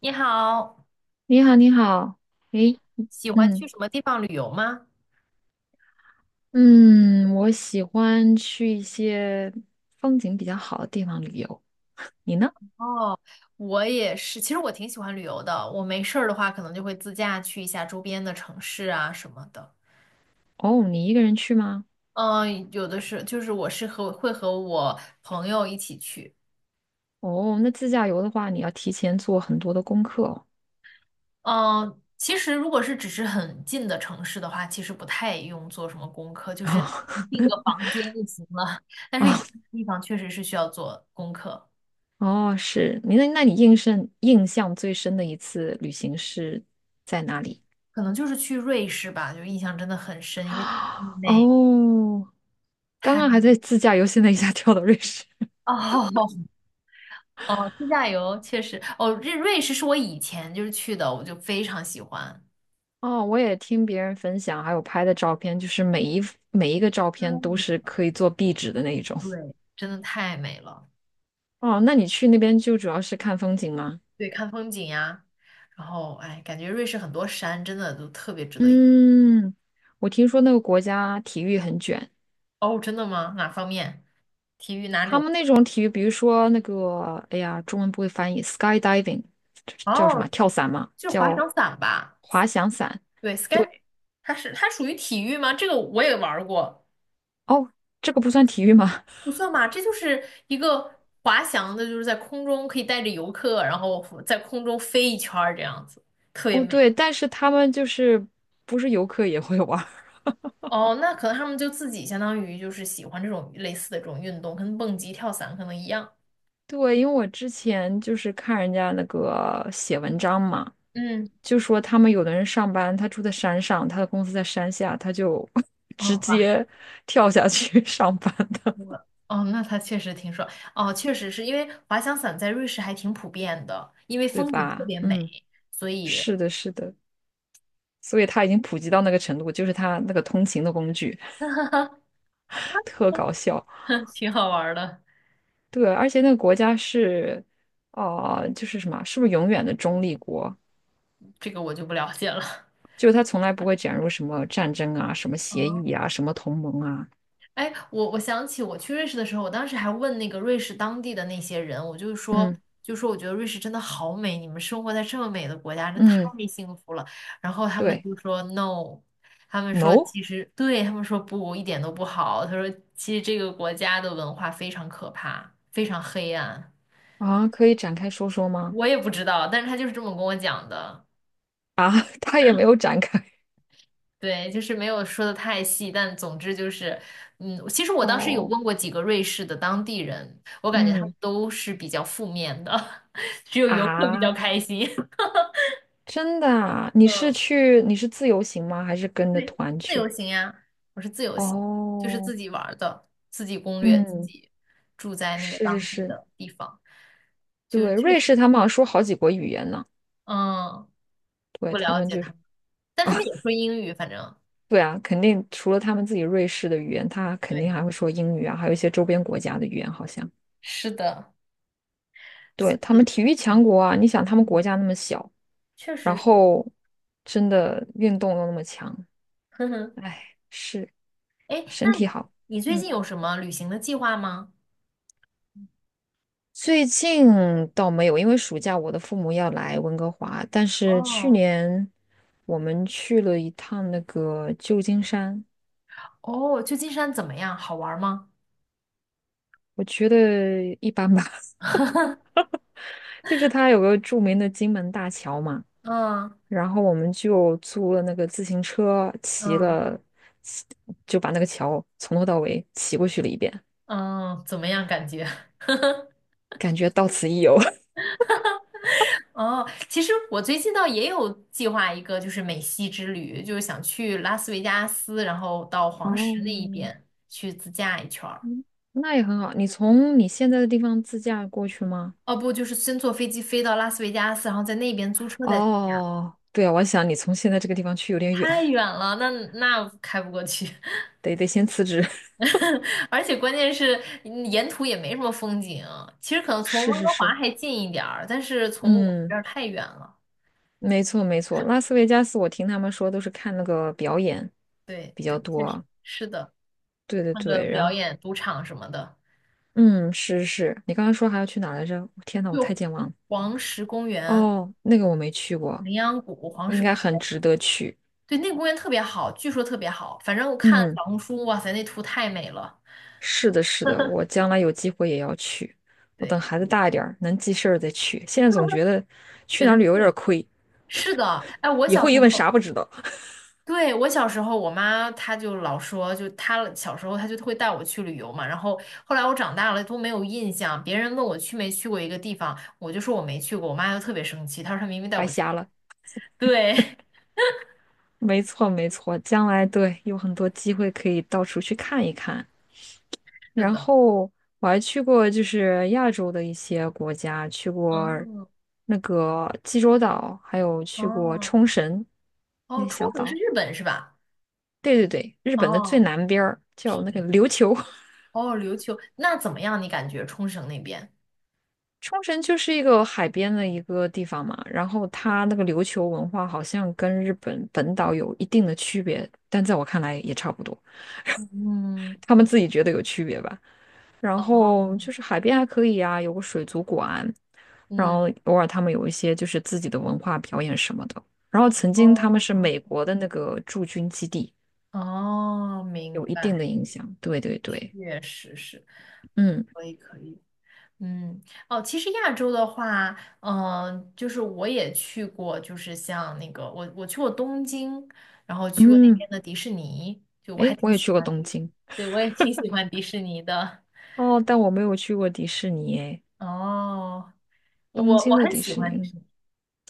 你好，你好，你好，诶，你喜欢去嗯什么地方旅游吗？嗯，我喜欢去一些风景比较好的地方旅游。你呢？我也是，其实我挺喜欢旅游的。我没事儿的话，可能就会自驾去一下周边的城市啊什么的。哦，你一个人去吗？嗯，有的是，就是我是和会和我朋友一起去。哦，那自驾游的话，你要提前做很多的功课哦。嗯，其实如果是只是很近的城市的话，其实不太用做什么功课，就是哦 你订个房间就行了。但 是远哦的地方确实是需要做功课，哦，是你那你印象最深的一次旅行是在哪里？可能就是去瑞士吧，就印象真的很 深，因为太美。哦，刚刚还在自驾游，现在一下跳到瑞士。哦哦，自驾游确实，哦，瑞士是我以前就是去的，我就非常喜欢，哦，我也听别人分享，还有拍的照片，就是每一个照太片都美是了，可以做壁纸的那一种。对，真的太美了。哦，那你去那边就主要是看风景吗？对，看风景呀，然后哎，感觉瑞士很多山真的都特别值得一。嗯，我听说那个国家体育很卷，哦，真的吗？哪方面？体育哪他种？们那种体育，比如说那个，哎呀，中文不会翻译，skydiving,这叫什么？哦，跳伞吗？就是滑叫翔伞吧？滑翔伞。对，sky，对，它是它属于体育吗？这个我也玩儿过。哦，这个不算体育吗？不算吧，这就是一个滑翔的，就是在空中可以带着游客，然后在空中飞一圈儿这样子，特 别哦，美。对，但是他们就是不是游客也会玩。哦，那可能他们就自己相当于就是喜欢这种类似的这种运动，跟蹦极、跳伞可能一样。对，因为我之前就是看人家那个写文章嘛，嗯，就说他们有的人上班，他住在山上，他的公司在山下，他就 哦，直滑接跳下去 上班的，我哦，那它确实挺爽。哦，确实是因为滑翔伞在瑞士还挺普遍的，因为对风景特吧？别美，嗯，所以 是的，是的，所以他已经普及到那个程度，就是他那个通勤的工具，特搞笑。挺好玩儿的。对，而且那个国家是，就是什么，是不是永远的中立国？这个我就不了解了。就是他从来不会卷入什么战争啊、什么协哦议啊、什么同盟啊。哎，我想起我去瑞士的时候，我当时还问那个瑞士当地的那些人，我就是说，嗯就说我觉得瑞士真的好美，你们生活在这么美的国家，真太嗯，幸福了。然后他们对。就说 no，他们说 No 其实对，他们说不，一点都不好。他说其实这个国家的文化非常可怕，非常黑暗。啊，可以展开说说吗？我也不知道，但是他就是这么跟我讲的。啊，他也没有展开。对，就是没有说的太细，但总之就是，嗯，其实我当时有哦，问过几个瑞士的当地人，我 感觉他们嗯都是比较负面的，只有游客比较啊，开心。真的啊？嗯，你是自由行吗？还是跟着对，团自由去？行呀，我是自由行，就是哦，自己玩儿的，自己攻略，自嗯，己住在那个是是当地是，的地方，就对，确瑞实，士他们好像说好几国语言呢。嗯，对，不他了们解就他是们，但他们也说英语，反正对啊，肯定除了他们自己瑞士的语言，他肯定对，还会说英语啊，还有一些周边国家的语言，好像。是的，对，所他们以，体育强嗯，国啊，你想他们国嗯家那么小，确然实是，后真的运动又那么强。呵呵。哎，是哎，那身体你好。你最嗯，近有什么旅行的计划吗？最近倒没有，因为暑假我的父母要来温哥华，但是去哦年我们去了一趟那个旧金山，哦，旧金山怎么样？好玩吗？我觉得一般吧。就是它有个著名的金门大桥嘛，嗯然后我们就租了那个自行车，骑嗯了，骑就把那个桥从头到尾骑过去了一遍，嗯，怎么样感觉？感觉到此一游。哦，其实我最近倒也有计划一个，就是美西之旅，就是想去拉斯维加斯，然后到黄石那一哦，边去自驾一圈儿。嗯，那也很好。你从你现在的地方自驾过去吗？哦，不，就是先坐飞机飞到拉斯维加斯，然后在那边租车再自驾哦，对啊，我想你从现在这个地方去有点远，太远了，那开不过去。得先辞职。而且关键是沿途也没什么风景，其实可能从是温是哥华是，还近一点儿，但是从我们这嗯，儿太远了。没错没错。拉斯维加斯，我听他们说都是看那个表演对比对，较确实多。是的，对对看个对，然表后演、赌场什么的，嗯，是是，你刚刚说还要去哪儿来着？天呐，我太就健忘了。黄石公园、哦，那个我没去过，羚羊谷、黄应石，该很值得去。对，那个公园特别好，据说特别好。反正我看嗯。小红书，哇塞，那图太美了。是的，是的，我将来有机会也要去。我对等孩子大一点儿，能记事儿再去。现在总觉得去对，哪它儿旅游有点儿是亏，是的，哎，我以小后时一问候。啥不知道，对，我小时候，我妈她就老说，就她小时候她就会带我去旅游嘛，然后后来我长大了都没有印象，别人问我去没去过一个地方，我就说我没去过，我妈就特别生气，她说她明明带白我去。瞎了。对，没错，没错，将来对有很多机会可以到处去看一看。是然的，后我还去过就是亚洲的一些国家，去过嗯，那个济州岛，还有去过哦，冲绳哦，那冲小绳是岛。日本是吧？对对对，日本的最哦，南边儿叫那个琉球。哦，琉球，那怎么样？你感觉冲绳那边？冲绳就是一个海边的一个地方嘛，然后它那个琉球文化好像跟日本本岛有一定的区别，但在我看来也差不多，嗯，他们自己觉得有区别吧。然哦，后就是海边还可以啊，有个水族馆，然嗯，后偶尔他们有一些就是自己的文化表演什么的。然后曾经他们是哦，美国的那个驻军基地，哦，明有一定的白，影响。对对对，确实是，嗯可以，可以。嗯，哦，其实亚洲的话，嗯、就是我也去过，就是像那个我去过东京，然后去过那嗯，边的迪士尼，就我还诶，我挺也喜去过欢东迪士，京对，我也挺喜欢迪士尼的。哦，但我没有去过迪士尼诶。哦，我东我京的很迪喜士尼，欢迪嗯士尼，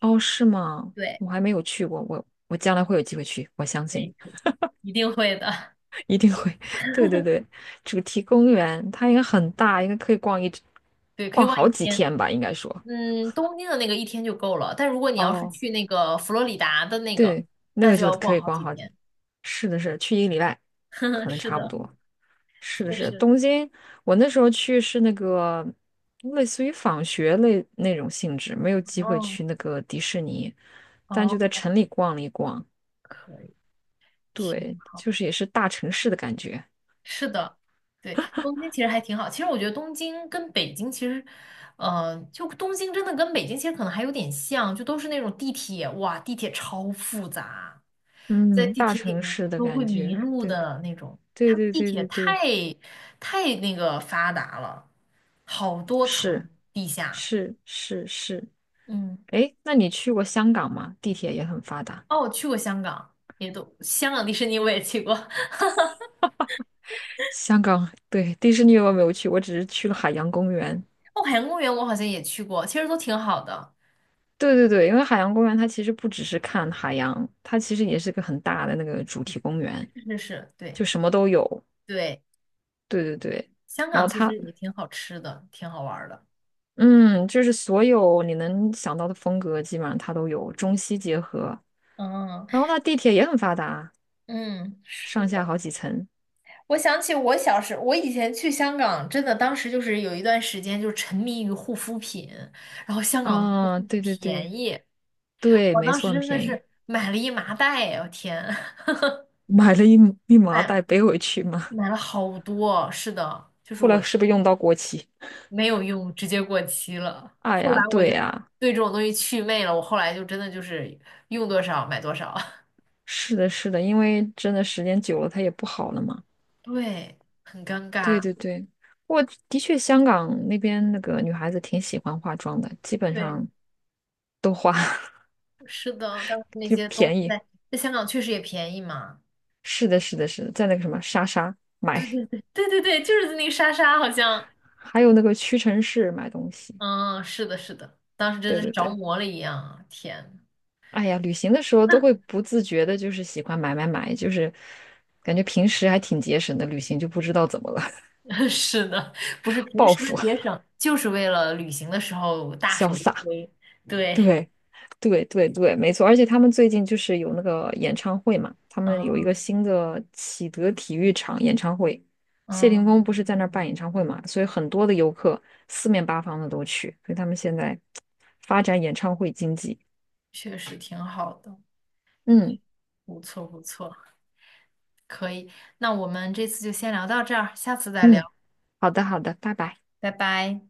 哦，是吗？对，我还没有去过，我将来会有机会去，我相可信 以可以，一定会的，一定会。对对对，主题公园它应该很大，应该可以对，可以逛玩一好几天。天吧，应该说。嗯，东京的那个一天就够了，但如果你要是哦，去那个佛罗里达的那个，对，那那个就就要可逛以好逛几好。天。是的是，去一个礼拜，可能是差不的，多。是的确是，实。东京，我那时候去是那个类似于访学类那种性质，没有机会哦去那个迪士尼，但就哦，在城里逛了一逛。可以。挺对，好，就是也是大城市的感觉，是的，对，东京其实还挺好。其实我觉得东京跟北京其实，呃，就东京真的跟北京其实可能还有点像，就都是那种地铁，哇，地铁超复杂，在嗯，地大铁里城面市的都会感迷觉，路对，的那种。对他们对地对铁对太对，太那个发达了，好多层是地下。是是是，嗯，哎，那你去过香港吗？地铁也很发达。哦，我去过香港，也都香港迪士尼我也去过，哦，香港，对，迪士尼我没有去，我只是去了海洋公园。海洋公园我好像也去过，其实都挺好的。对对对，因为海洋公园它其实不只是看海洋，它其实也是个很大的那个主题公园，是是是，对。就什么都有。对，对对对，香然港后其它实也挺好吃的，挺好玩儿的。嗯，就是所有你能想到的风格，基本上它都有，中西结合。嗯然后它地铁也很发达，嗯，是上下的。好几层。我想起我小时，我以前去香港，真的当时就是有一段时间就沉迷于护肤品，然后香港的护肤啊，品对对便对宜，对，我没当错，时很真的便宜。是买了一麻袋啊，我天，买了一麻买袋背回去嘛，买了好多。是的，就是后来我是不是用到过期？没有用，直接过期了。哎后呀，来我对就呀，对这种东西祛魅了，我后来就真的就是用多少买多少，是的，是的，因为真的时间久了它也不好了嘛。对，很尴对尬。对对，我的确香港那边那个女孩子挺喜欢化妆的，基本对。上都化，是的，当时 那就些东西便宜。在香港确实也便宜嘛。是的，是的，是的，在那个什么莎莎对买，对对对对对，就是那个莎莎好像，还有那个屈臣氏买东西。嗯，是的，是的，当时真对的是对着对，魔了一样啊天，哎呀，旅行的时候都会不自觉的，就是喜欢买买买，就是感觉平时还挺节省的，旅行就不知道怎么了，是的，不是 平报时的复，节省，就是为了旅行的时候 大潇手一洒。挥。对，对，对对对，没错。而且他们最近就是有那个演唱会嘛，他们有一啊，个新的启德体育场演唱会，谢霆锋嗯，不是在那儿办演唱会嘛，所以很多的游客四面八方的都去，所以他们现在发展演唱会经济。确实挺好的，嗯不错不错，可以。那我们这次就先聊到这儿，下次再聊，嗯，好的好的，拜拜。拜拜。